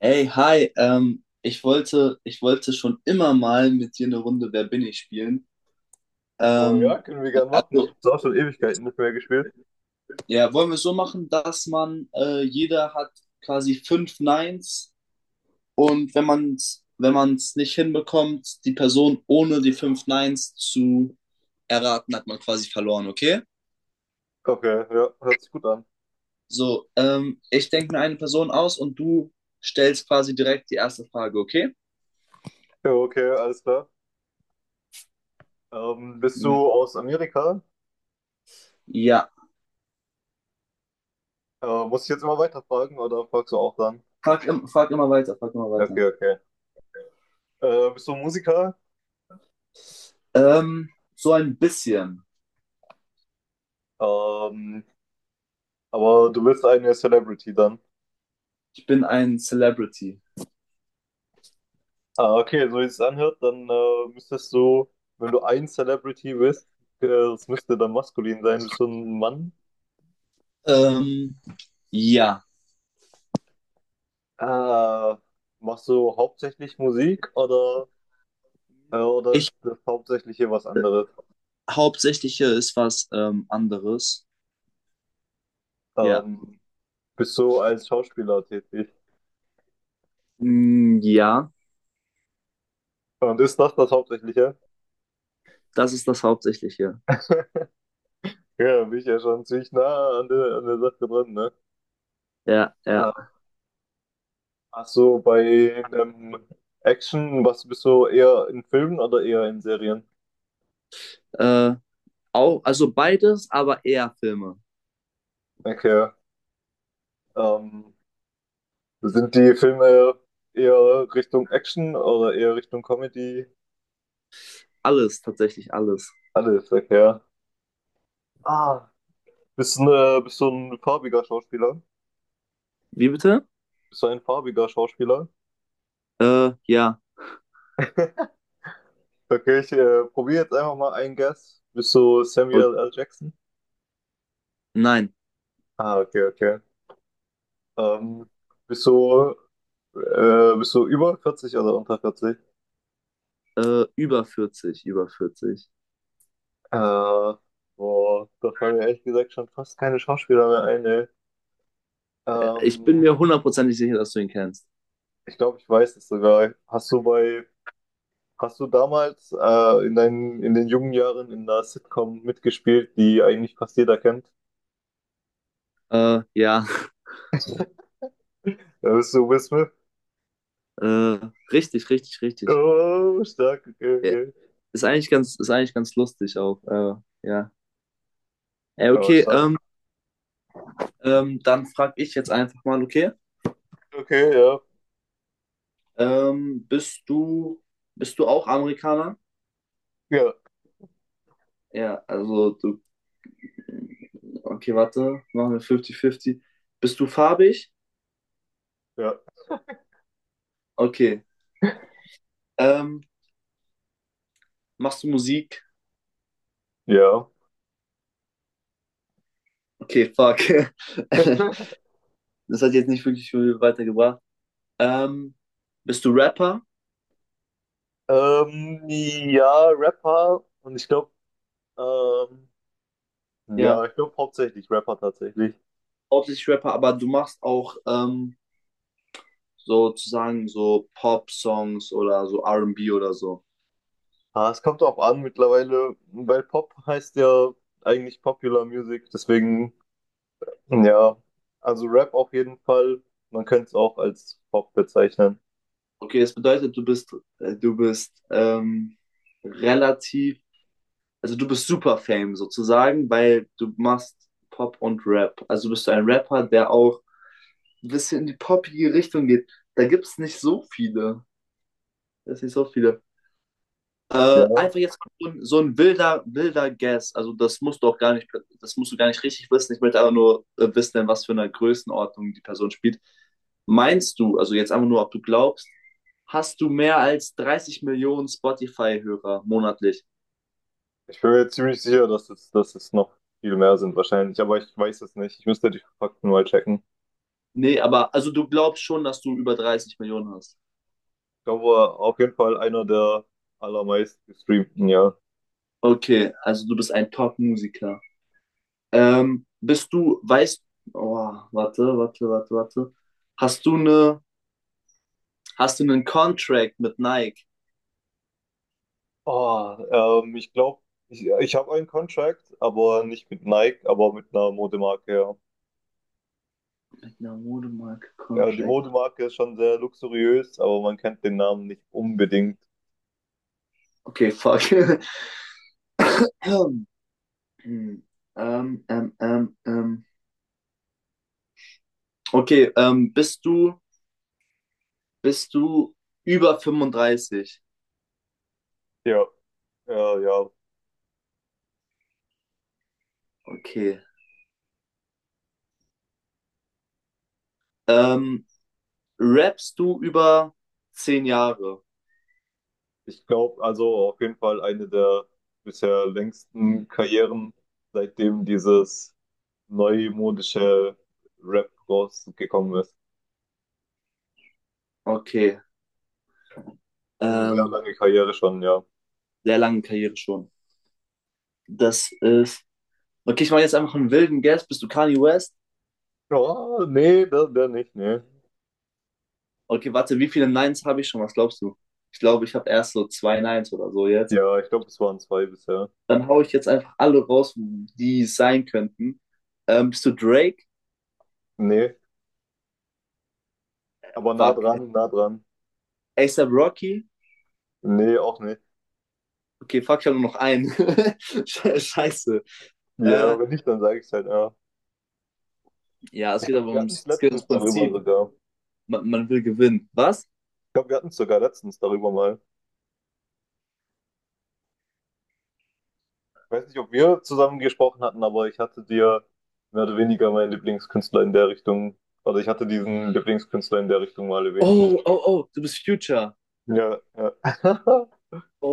Hey, hi, ich wollte schon immer mal mit dir eine Runde Wer bin ich spielen. Oh ja, Ähm, können wir ja, gern machen. also, Ist auch schon Ewigkeiten nicht mehr gespielt. ja, wollen wir es so machen, dass man, jeder hat quasi fünf Neins, und wenn man es nicht hinbekommt, die Person ohne die fünf Neins zu erraten, hat man quasi verloren, okay? Okay, ja, ja, hört sich gut an. So, ich denke mir eine Person aus und du stellst quasi direkt die erste Frage, okay? Ja, okay, alles klar. Bist Ja. du aus Amerika? Ja. Muss ich jetzt immer weiterfragen oder fragst du auch dann? Frag immer weiter, frag immer Okay, weiter. okay. Bist du Musiker? Ähm, so ein bisschen. Ähm, aber du bist eine Celebrity dann. Ich bin ein Celebrity. Ah, okay, so wie es anhört, dann müsstest du, wenn du ein Celebrity bist, das müsste dann maskulin sein. Bist du ein Mann? Ähm, ja. Ah, machst du hauptsächlich Musik oder Ich ist das Hauptsächliche was anderes? Hauptsächliche ist was anderes. Ja. Ähm, bist du als Schauspieler tätig? Mm, ja, Und ist das das Hauptsächliche? das ist das Hauptsächliche. Ja, da bin ich ja schon ziemlich nah an der Sache dran, ne? Ja, ja. Äh, ach so, bei ähm, Action, was bist du eher in Filmen oder eher in Serien? Äh, Auch, also beides, aber eher Filme. Okay. Ähm, sind die Filme eher Richtung Action oder eher Richtung Comedy? Alles, tatsächlich alles. Alles, okay. Ah. Bist du, ne, bist du ein farbiger Schauspieler? Wie bitte? Bist du ein farbiger Schauspieler? Ja. Okay, ich probiere jetzt einfach mal einen Guess. Bist du Und, Samuel L. Jackson? nein. Ah, okay, okay. Ähm, bist du, bist du über 40 oder unter 40? Über 40, über 40. Äh, boah, da fallen mir ehrlich gesagt schon fast keine Schauspieler mehr ein, ey. Ich Ähm, bin mir hundertprozentig sicher, dass du ihn kennst. ich glaube, ich weiß es sogar. Hast du damals in den jungen Jahren in einer Sitcom mitgespielt, die eigentlich fast jeder kennt? Ja. Bist du Will Smith? Äh, Richtig, richtig, richtig. Oh, stark, okay, Ja, okay. ist eigentlich ganz lustig auch. Ja. Ey, Oh, okay, stark. Dann frage ich jetzt einfach mal, okay, Okay, ja. ähm, bist du, bist du auch Amerikaner? Ja, Ja, also du, okay, warte, machen wir 50-50. Bist du farbig? ja. Okay. Ähm, Machst du Musik? Ja. Okay, fuck. Das hat jetzt nicht wirklich viel weitergebracht. Ähm, Bist du Rapper? Ja, Rapper. Und ich glaube, ähm, ja, Ja, ich glaube hauptsächlich Rapper tatsächlich. hauptsächlich Rapper, aber du machst auch sozusagen so Pop-Songs oder so R&B oder so. Ah, es kommt auch an mittlerweile, weil Pop heißt ja eigentlich Popular Music. Deswegen, ja, also Rap auf jeden Fall. Man könnte es auch als Pop bezeichnen. Okay, das bedeutet, du bist relativ, also du bist super Fame sozusagen, weil du machst Pop und Rap. Also bist du ein Rapper, der auch ein bisschen in die poppige Richtung geht. Da gibt es nicht so viele. Da ist nicht so viele. Ja, Einfach jetzt so ein wilder, wilder Guess. Also das musst du auch gar nicht, das musst du gar nicht richtig wissen. Ich möchte aber nur wissen, in was für einer Größenordnung die Person spielt. Meinst du, also jetzt einfach nur, ob du glaubst, hast du mehr als 30 Millionen Spotify-Hörer monatlich? ich bin mir ziemlich sicher, dass es noch viel mehr sind wahrscheinlich, aber ich weiß es nicht. Ich müsste die Fakten mal checken. Nee, aber also du glaubst schon, dass du über 30 Millionen hast. Ich glaube, auf jeden Fall einer der allermeist gestreamten, ja. Okay, also du bist ein Top-Musiker. Bist du, weißt, oh, warte, warte, warte, warte. Hast du eine, hast du einen Contract mit Nike? Oh, ich glaube, ich habe einen Contract, aber nicht mit Nike, aber mit einer Modemarke, ja. Na, Modemarke, Ja, die Contract. Modemarke ist schon sehr luxuriös, aber man kennt den Namen nicht unbedingt. Okay, fuck. ähm, ähm, ähm, ähm. Okay, bist du über 35? Ja, ja, ja. Okay. Ähm, Rappst du über 10 Jahre? Ich glaube, also auf jeden Fall eine der bisher längsten Karrieren, seitdem dieses neumodische Rap rausgekommen ist. Okay. Also sehr Ähm, lange Karriere schon, ja. Sehr lange Karriere schon. Das ist. Okay, ich mache jetzt einfach einen wilden Guess. Bist du Kanye West? Ja, nee, der nicht, nee. Okay, warte, wie viele Nines habe ich schon? Was glaubst du? Ich glaube, ich habe erst so zwei Nines oder so jetzt. Ja, ich glaube, es waren zwei bisher. Dann hau ich jetzt einfach alle raus, die es sein könnten. Bist du Drake? Nee, aber nah Fuck. dran, nah dran. ASAP Rocky? Nee, auch nicht. Okay, fuck, ich habe nur noch einen. Scheiße. Äh, Ja, wenn nicht, dann sage ich es halt, ja. ja, es Ich geht aber glaube, wir hatten es ums, es geht ums letztens darüber Prinzip. sogar. Man will gewinnen. Was? Ich glaube, wir hatten es sogar letztens darüber mal. Ich weiß nicht, ob wir zusammen gesprochen hatten, aber ich hatte dir mehr oder weniger meinen Lieblingskünstler in der Richtung, oder ich hatte diesen Lieblingskünstler in der Richtung mal erwähnt. Oh, oh, oh, du bist Future. Ja, ja.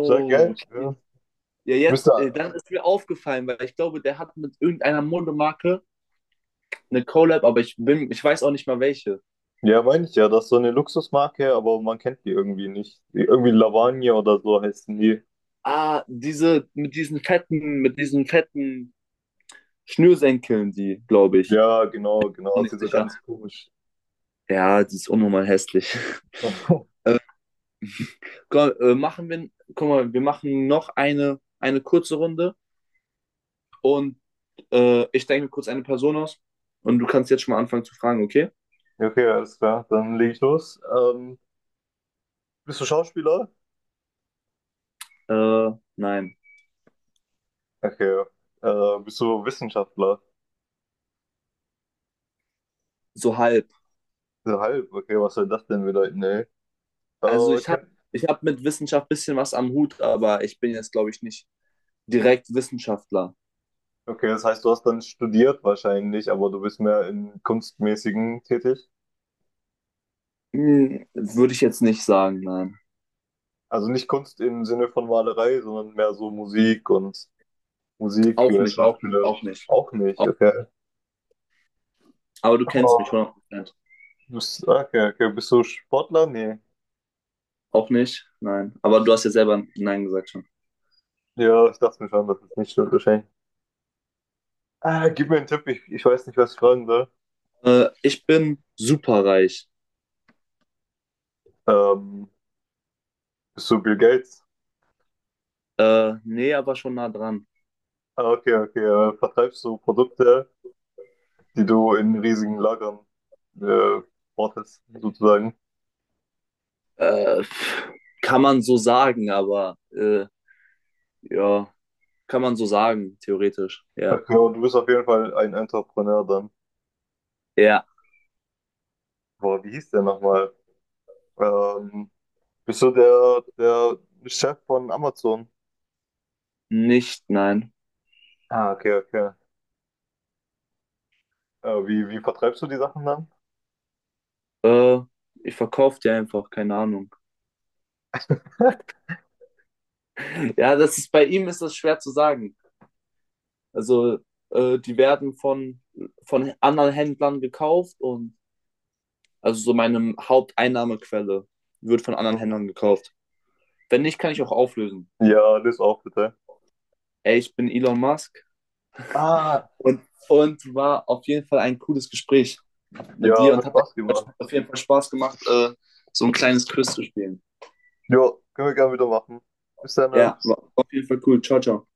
Sehr geil. okay. Ja. Ja, Müsste, jetzt, dann ist mir aufgefallen, weil ich glaube, der hat mit irgendeiner Modemarke eine Collab, aber ich weiß auch nicht mal welche. ja, meine ich ja, das ist so eine Luxusmarke, aber man kennt die irgendwie nicht. Die- Irgendwie Lavagne oder so heißen die. Ah, diese, mit diesen fetten Schnürsenkeln, die, glaube ich. Ja, genau, genau, Auch ist nicht die so sicher. ganz komisch. Ja, die ist unnormal hässlich. Komm, machen wir, guck mal, wir machen noch eine kurze Runde und ich denke mir kurz eine Person aus und du kannst jetzt schon mal anfangen zu fragen, okay? Okay, alles klar, dann leg ich los. Bist du Schauspieler? Äh, nein, Okay. Bist du Wissenschaftler? so halb. So halb, okay, was soll das denn bedeuten, ey? Also ich habe Okay. ich hab mit Wissenschaft ein bisschen was am Hut, aber ich bin jetzt, glaube ich, nicht direkt Wissenschaftler. Okay, das heißt, du hast dann studiert wahrscheinlich, aber du bist mehr in Kunstmäßigen tätig. Würde ich jetzt nicht sagen, nein. Also nicht Kunst im Sinne von Malerei, sondern mehr so Musik und Auch nicht, auch nicht, Schauspieler auch nicht. auch nicht, okay. Aber du kennst mich Oh, 100%. du bist, okay, okay, bist du Sportler? Nee. Auch nicht, nein. Aber du hast ja selber Nein gesagt schon. Ja, ich dachte mir schon, dass es nicht stimmt wahrscheinlich. Ah, gib mir einen Tipp, ich weiß nicht, was ich fragen soll. Ich bin superreich. Ähm, Bist du Bill Gates? Nee, aber schon nah dran. Ah, okay, okay. Vertreibst du Produkte, die du in riesigen Lagern äh, wartest, sozusagen. Äh, pff, Kann man so sagen, aber ja, kann man so sagen, theoretisch. Ja. Okay, und du bist auf jeden Fall ein Entrepreneur dann. Ja, Boah, wie hieß der nochmal? Ähm, bist du der Chef von Amazon? nicht, nein. Ah, okay, okay. Äh, wie vertreibst du die Sachen dann? Äh, Ich verkaufe die einfach, keine Ahnung. Ja, das ist bei ihm ist das schwer zu sagen. Also, die werden von anderen Händlern gekauft und also so meine Haupteinnahmequelle wird von anderen Händlern gekauft. Wenn nicht, kann ich auch auflösen. Ja, das auch bitte. Ey, ich bin Elon Musk. Ah, Und, und war auf jeden Fall ein cooles Gespräch mit ja, dir und hat hat Spaß gemacht. auf jeden Fall Spaß gemacht, so ein kleines Quiz zu spielen. Ja, können wir gerne wieder machen. Bis dann, ne? Ja, war auf jeden Fall cool. Ciao, ciao.